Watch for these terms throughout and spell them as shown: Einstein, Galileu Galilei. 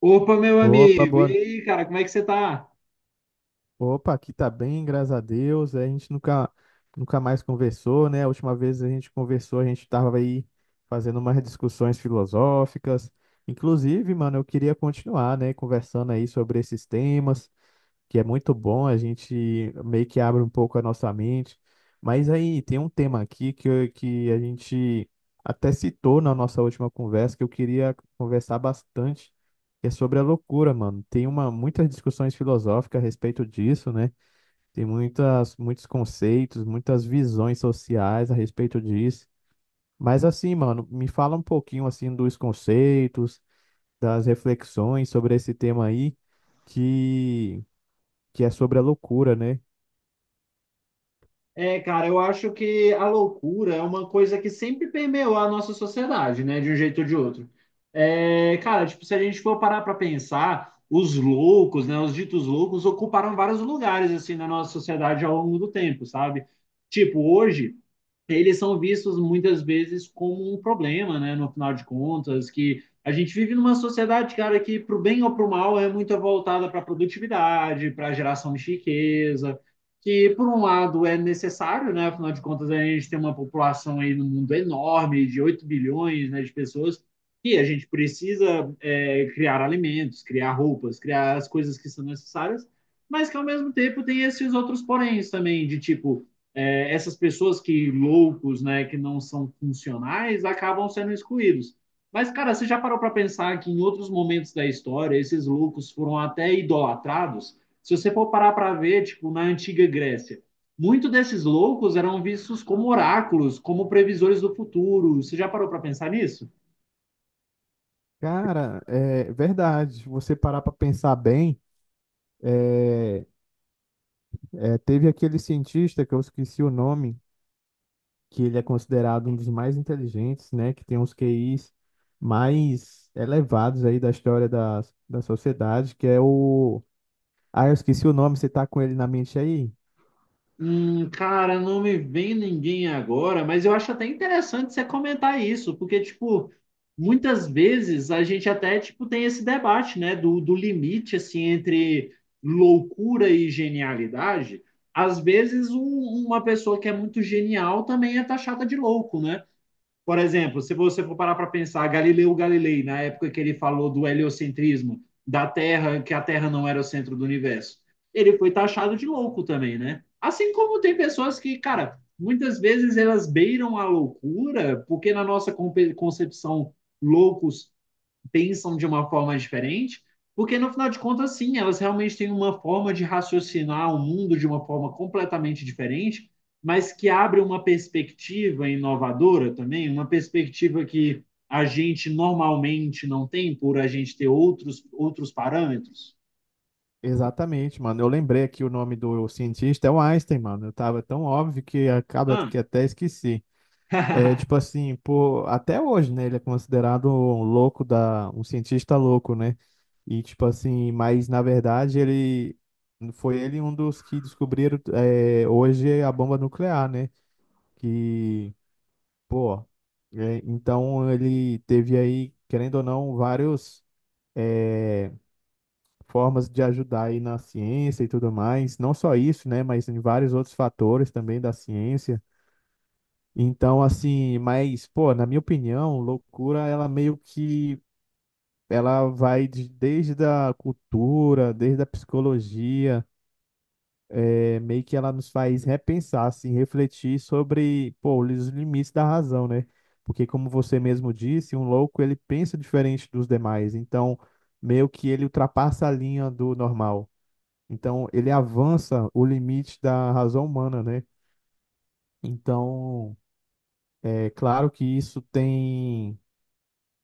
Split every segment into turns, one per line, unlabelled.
Opa, meu
Opa,
amigo! E
boa...
aí, cara, como é que você tá?
Opa, aqui tá bem, graças a Deus. É, A gente nunca, nunca mais conversou, né? A última vez a gente conversou, a gente tava aí fazendo umas discussões filosóficas. Inclusive, mano, eu queria continuar, né, conversando aí sobre esses temas que é muito bom, a gente meio que abre um pouco a nossa mente. Mas aí tem um tema aqui que, que a gente até citou na nossa última conversa, que eu queria conversar bastante, que é sobre a loucura, mano. Muitas discussões filosóficas a respeito disso, né? Muitos conceitos, muitas visões sociais a respeito disso. Mas assim, mano, me fala um pouquinho assim dos conceitos, das reflexões sobre esse tema aí, que, que é sobre a loucura, né?
É, cara, eu acho que a loucura é uma coisa que sempre permeou a nossa sociedade, né? De um jeito ou de outro. É, cara, tipo, se a gente for parar pra pensar, os loucos, né? Os ditos loucos ocuparam vários lugares, assim, na nossa sociedade ao longo do tempo, sabe? Tipo, hoje. Eles são vistos muitas vezes como um problema, né? No final de contas, que a gente vive numa sociedade, cara, que para o bem ou para o mal é muito voltada para a produtividade, para a geração de riqueza, que por um lado é necessário, né? Afinal de contas, a gente tem uma população aí no mundo enorme, de 8 bilhões, né, de pessoas, e a gente precisa criar alimentos, criar roupas, criar as coisas que são necessárias, mas que ao mesmo tempo tem esses outros poréns também, de tipo essas pessoas que loucos, né, que não são funcionais, acabam sendo excluídos. Mas, cara, você já parou para pensar que em outros momentos da história esses loucos foram até idolatrados? Se você for parar para ver, tipo, na antiga Grécia, muitos desses loucos eram vistos como oráculos, como previsores do futuro. Você já parou para pensar nisso?
Cara, é verdade. Se você parar para pensar bem, é, teve aquele cientista que eu esqueci o nome, que ele é considerado um dos mais inteligentes, né? Que tem os QIs mais elevados aí da história da sociedade, que é o... Ah, eu esqueci o nome, você tá com ele na mente aí?
Cara, não me vem ninguém agora, mas eu acho até interessante você comentar isso, porque, tipo, muitas vezes a gente até, tipo, tem esse debate, né, do limite, assim, entre loucura e genialidade. Às vezes, uma pessoa que é muito genial também é taxada de louco, né? Por exemplo, se você for parar para pensar, Galileu Galilei, na época que ele falou do heliocentrismo, da Terra, que a Terra não era o centro do universo, ele foi taxado de louco também, né? Assim como tem pessoas que, cara, muitas vezes elas beiram a loucura, porque na nossa concepção, loucos pensam de uma forma diferente, porque no final de contas, sim, elas realmente têm uma forma de raciocinar o mundo de uma forma completamente diferente, mas que abre uma perspectiva inovadora também, uma perspectiva que a gente normalmente não tem por a gente ter outros parâmetros.
Exatamente, mano. Eu lembrei aqui o nome do cientista, é o Einstein, mano. Eu tava tão óbvio que acaba
Ah.
que até esqueci. É, tipo assim, por, até hoje, né, ele é considerado um louco um cientista louco, né? E tipo assim, mas na verdade ele foi ele um dos que descobriram hoje a bomba nuclear, né? Que, pô, então ele teve aí, querendo ou não, vários eh, formas de ajudar aí na ciência e tudo mais. Não só isso, né? Mas em vários outros fatores também da ciência. Então, assim, mas, pô, na minha opinião, loucura, ela meio que... Ela vai desde a cultura, desde a psicologia, meio que ela nos faz repensar, assim, refletir sobre, pô, os limites da razão, né? Porque, como você mesmo disse, um louco ele pensa diferente dos demais, então meio que ele ultrapassa a linha do normal. Então, ele avança o limite da razão humana, né? Então, é claro que isso tem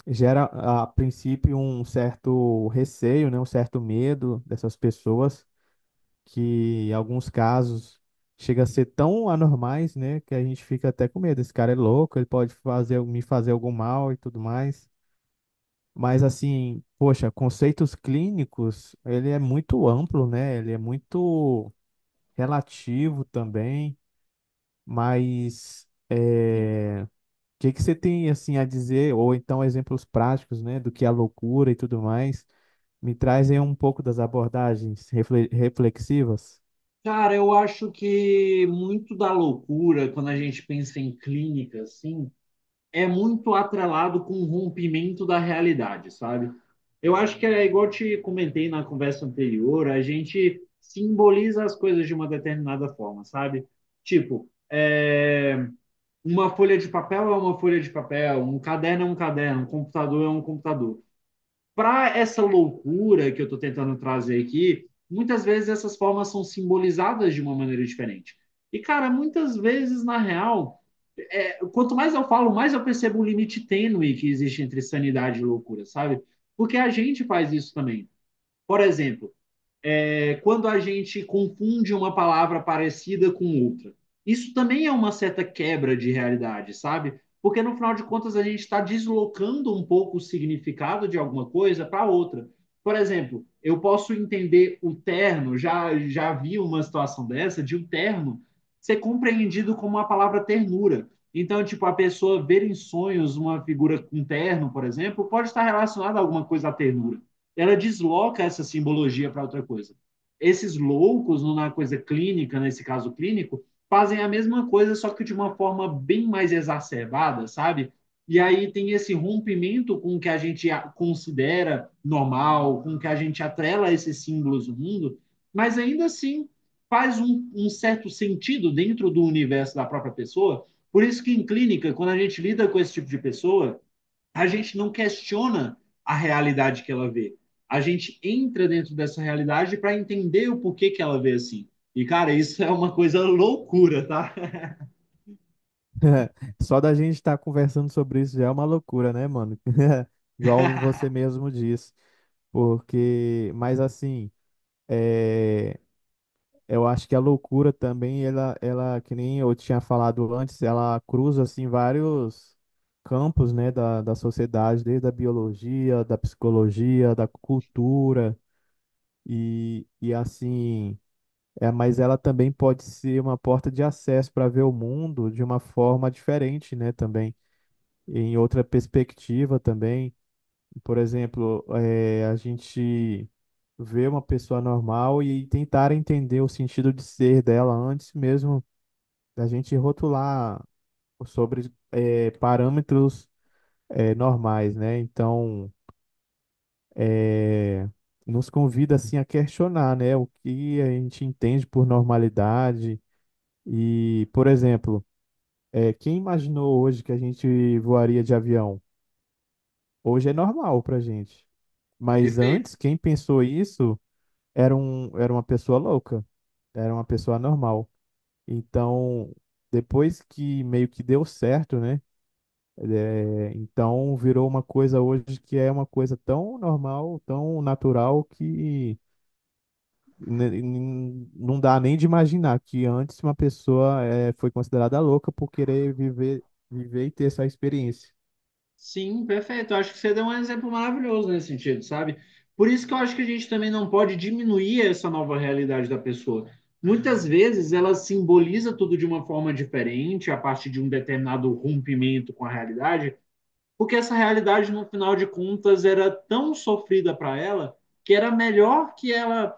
gera a princípio um certo receio, né, um certo medo dessas pessoas, que em alguns casos chega a ser tão anormais, né, que a gente fica até com medo. Esse cara é louco, ele pode fazer me fazer algum mal e tudo mais. Mas assim, poxa, conceitos clínicos, ele é muito amplo, né? Ele é muito relativo também, mas é... o que você tem assim a dizer, ou então exemplos práticos, né, do que é a loucura e tudo mais? Me trazem um pouco das abordagens reflexivas.
Cara, eu acho que muito da loucura, quando a gente pensa em clínica, assim, é muito atrelado com o rompimento da realidade, sabe? Eu acho que é igual eu te comentei na conversa anterior, a gente simboliza as coisas de uma determinada forma, sabe? Tipo, uma folha de papel é uma folha de papel, um caderno é um caderno, um computador é um computador. Para essa loucura que eu estou tentando trazer aqui, muitas vezes essas formas são simbolizadas de uma maneira diferente. E, cara, muitas vezes, na real, quanto mais eu falo, mais eu percebo um limite tênue que existe entre sanidade e loucura, sabe? Porque a gente faz isso também. Por exemplo, quando a gente confunde uma palavra parecida com outra. Isso também é uma certa quebra de realidade, sabe? Porque no final de contas a gente está deslocando um pouco o significado de alguma coisa para outra. Por exemplo, eu posso entender o terno, já vi uma situação dessa, de um terno ser compreendido como a palavra ternura. Então, tipo, a pessoa ver em sonhos uma figura com um terno, por exemplo, pode estar relacionada a alguma coisa à ternura. Ela desloca essa simbologia para outra coisa esses loucos, na coisa clínica, nesse caso clínico, fazem a mesma coisa, só que de uma forma bem mais exacerbada, sabe? E aí tem esse rompimento com o que a gente considera normal, com o que a gente atrela esses símbolos do mundo, mas ainda assim faz um certo sentido dentro do universo da própria pessoa. Por isso que em clínica, quando a gente lida com esse tipo de pessoa, a gente não questiona a realidade que ela vê. A gente entra dentro dessa realidade para entender o porquê que ela vê assim. E, cara, isso é uma coisa loucura, tá?
Só da gente estar conversando sobre isso já é uma loucura, né, mano? Igual você mesmo disse. Porque, mas assim, é, eu acho que a loucura também, que nem eu tinha falado antes, ela cruza assim vários campos, né, da sociedade, desde a biologia, da psicologia, da cultura e assim, mas ela também pode ser uma porta de acesso para ver o mundo de uma forma diferente, né, também em outra perspectiva também. Por exemplo, a gente ver uma pessoa normal e tentar entender o sentido de ser dela antes mesmo da gente rotular sobre parâmetros normais, né? Então, eh, nos convida assim a questionar, né, o que a gente entende por normalidade e, por exemplo, quem imaginou hoje que a gente voaria de avião? Hoje é normal para gente. Mas
Perfeito.
antes, quem pensou isso era uma pessoa louca, era uma pessoa normal. Então, depois que meio que deu certo, né? É, então virou uma coisa hoje que é uma coisa tão normal, tão natural que não dá nem de imaginar que antes uma pessoa foi considerada louca por querer viver, viver e ter essa experiência.
Sim, perfeito. Eu acho que você deu um exemplo maravilhoso nesse sentido, sabe? Por isso que eu acho que a gente também não pode diminuir essa nova realidade da pessoa. Muitas vezes ela simboliza tudo de uma forma diferente, a partir de um determinado rompimento com a realidade, porque essa realidade, no final de contas, era tão sofrida para ela que era melhor que ela,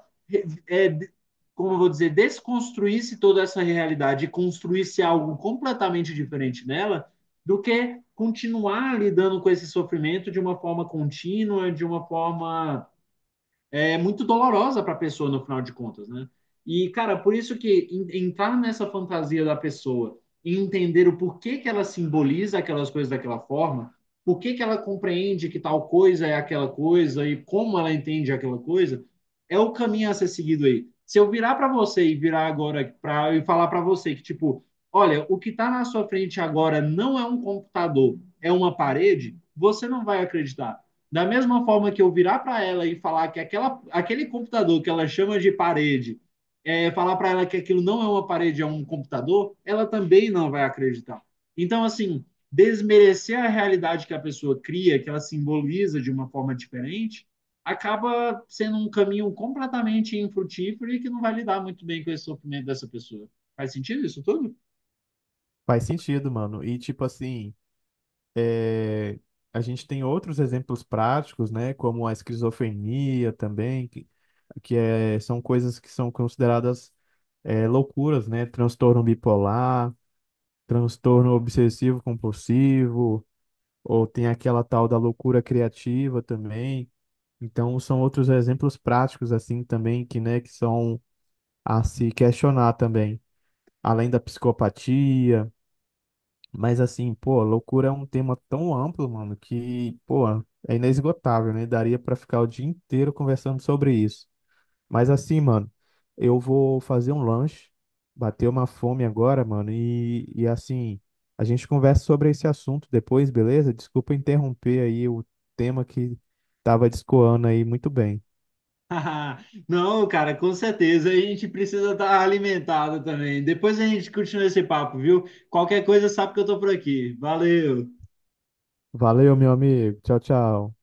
é, como eu vou dizer, desconstruísse toda essa realidade e construísse algo completamente diferente nela do que continuar lidando com esse sofrimento de uma forma contínua, de uma forma é muito dolorosa para a pessoa no final de contas, né? E, cara, por isso que entrar nessa fantasia da pessoa e entender o porquê que ela simboliza aquelas coisas daquela forma, por que que ela compreende que tal coisa é aquela coisa e como ela entende aquela coisa, é o caminho a ser seguido aí. Se eu virar para você e virar agora pra, e falar para você que, tipo, olha, o que está na sua frente agora não é um computador, é uma parede, você não vai acreditar. Da mesma forma que eu virar para ela e falar que aquela, aquele computador que ela chama de parede, é, falar para ela que aquilo não é uma parede, é um computador, ela também não vai acreditar. Então, assim, desmerecer a realidade que a pessoa cria, que ela simboliza de uma forma diferente, acaba sendo um caminho completamente infrutífero e que não vai lidar muito bem com esse sofrimento dessa pessoa. Faz sentido isso tudo?
Faz sentido, mano. E tipo assim. É, a gente tem outros exemplos práticos, né, como a esquizofrenia também, são coisas que são consideradas loucuras, né, transtorno bipolar, transtorno obsessivo compulsivo, ou tem aquela tal da loucura criativa também. Então, são outros exemplos práticos, assim, também, que, né, que são a se questionar também, além da psicopatia. Mas assim, pô, loucura é um tema tão amplo, mano, que, pô, é inesgotável, né? Daria pra ficar o dia inteiro conversando sobre isso. Mas assim, mano, eu vou fazer um lanche, bater uma fome agora, mano, e assim, a gente conversa sobre esse assunto depois, beleza? Desculpa interromper aí o tema que tava discoando aí muito bem.
Não, cara, com certeza. A gente precisa estar alimentado também. Depois a gente continua esse papo, viu? Qualquer coisa, sabe que eu tô por aqui. Valeu!
Valeu, meu amigo. Tchau, tchau.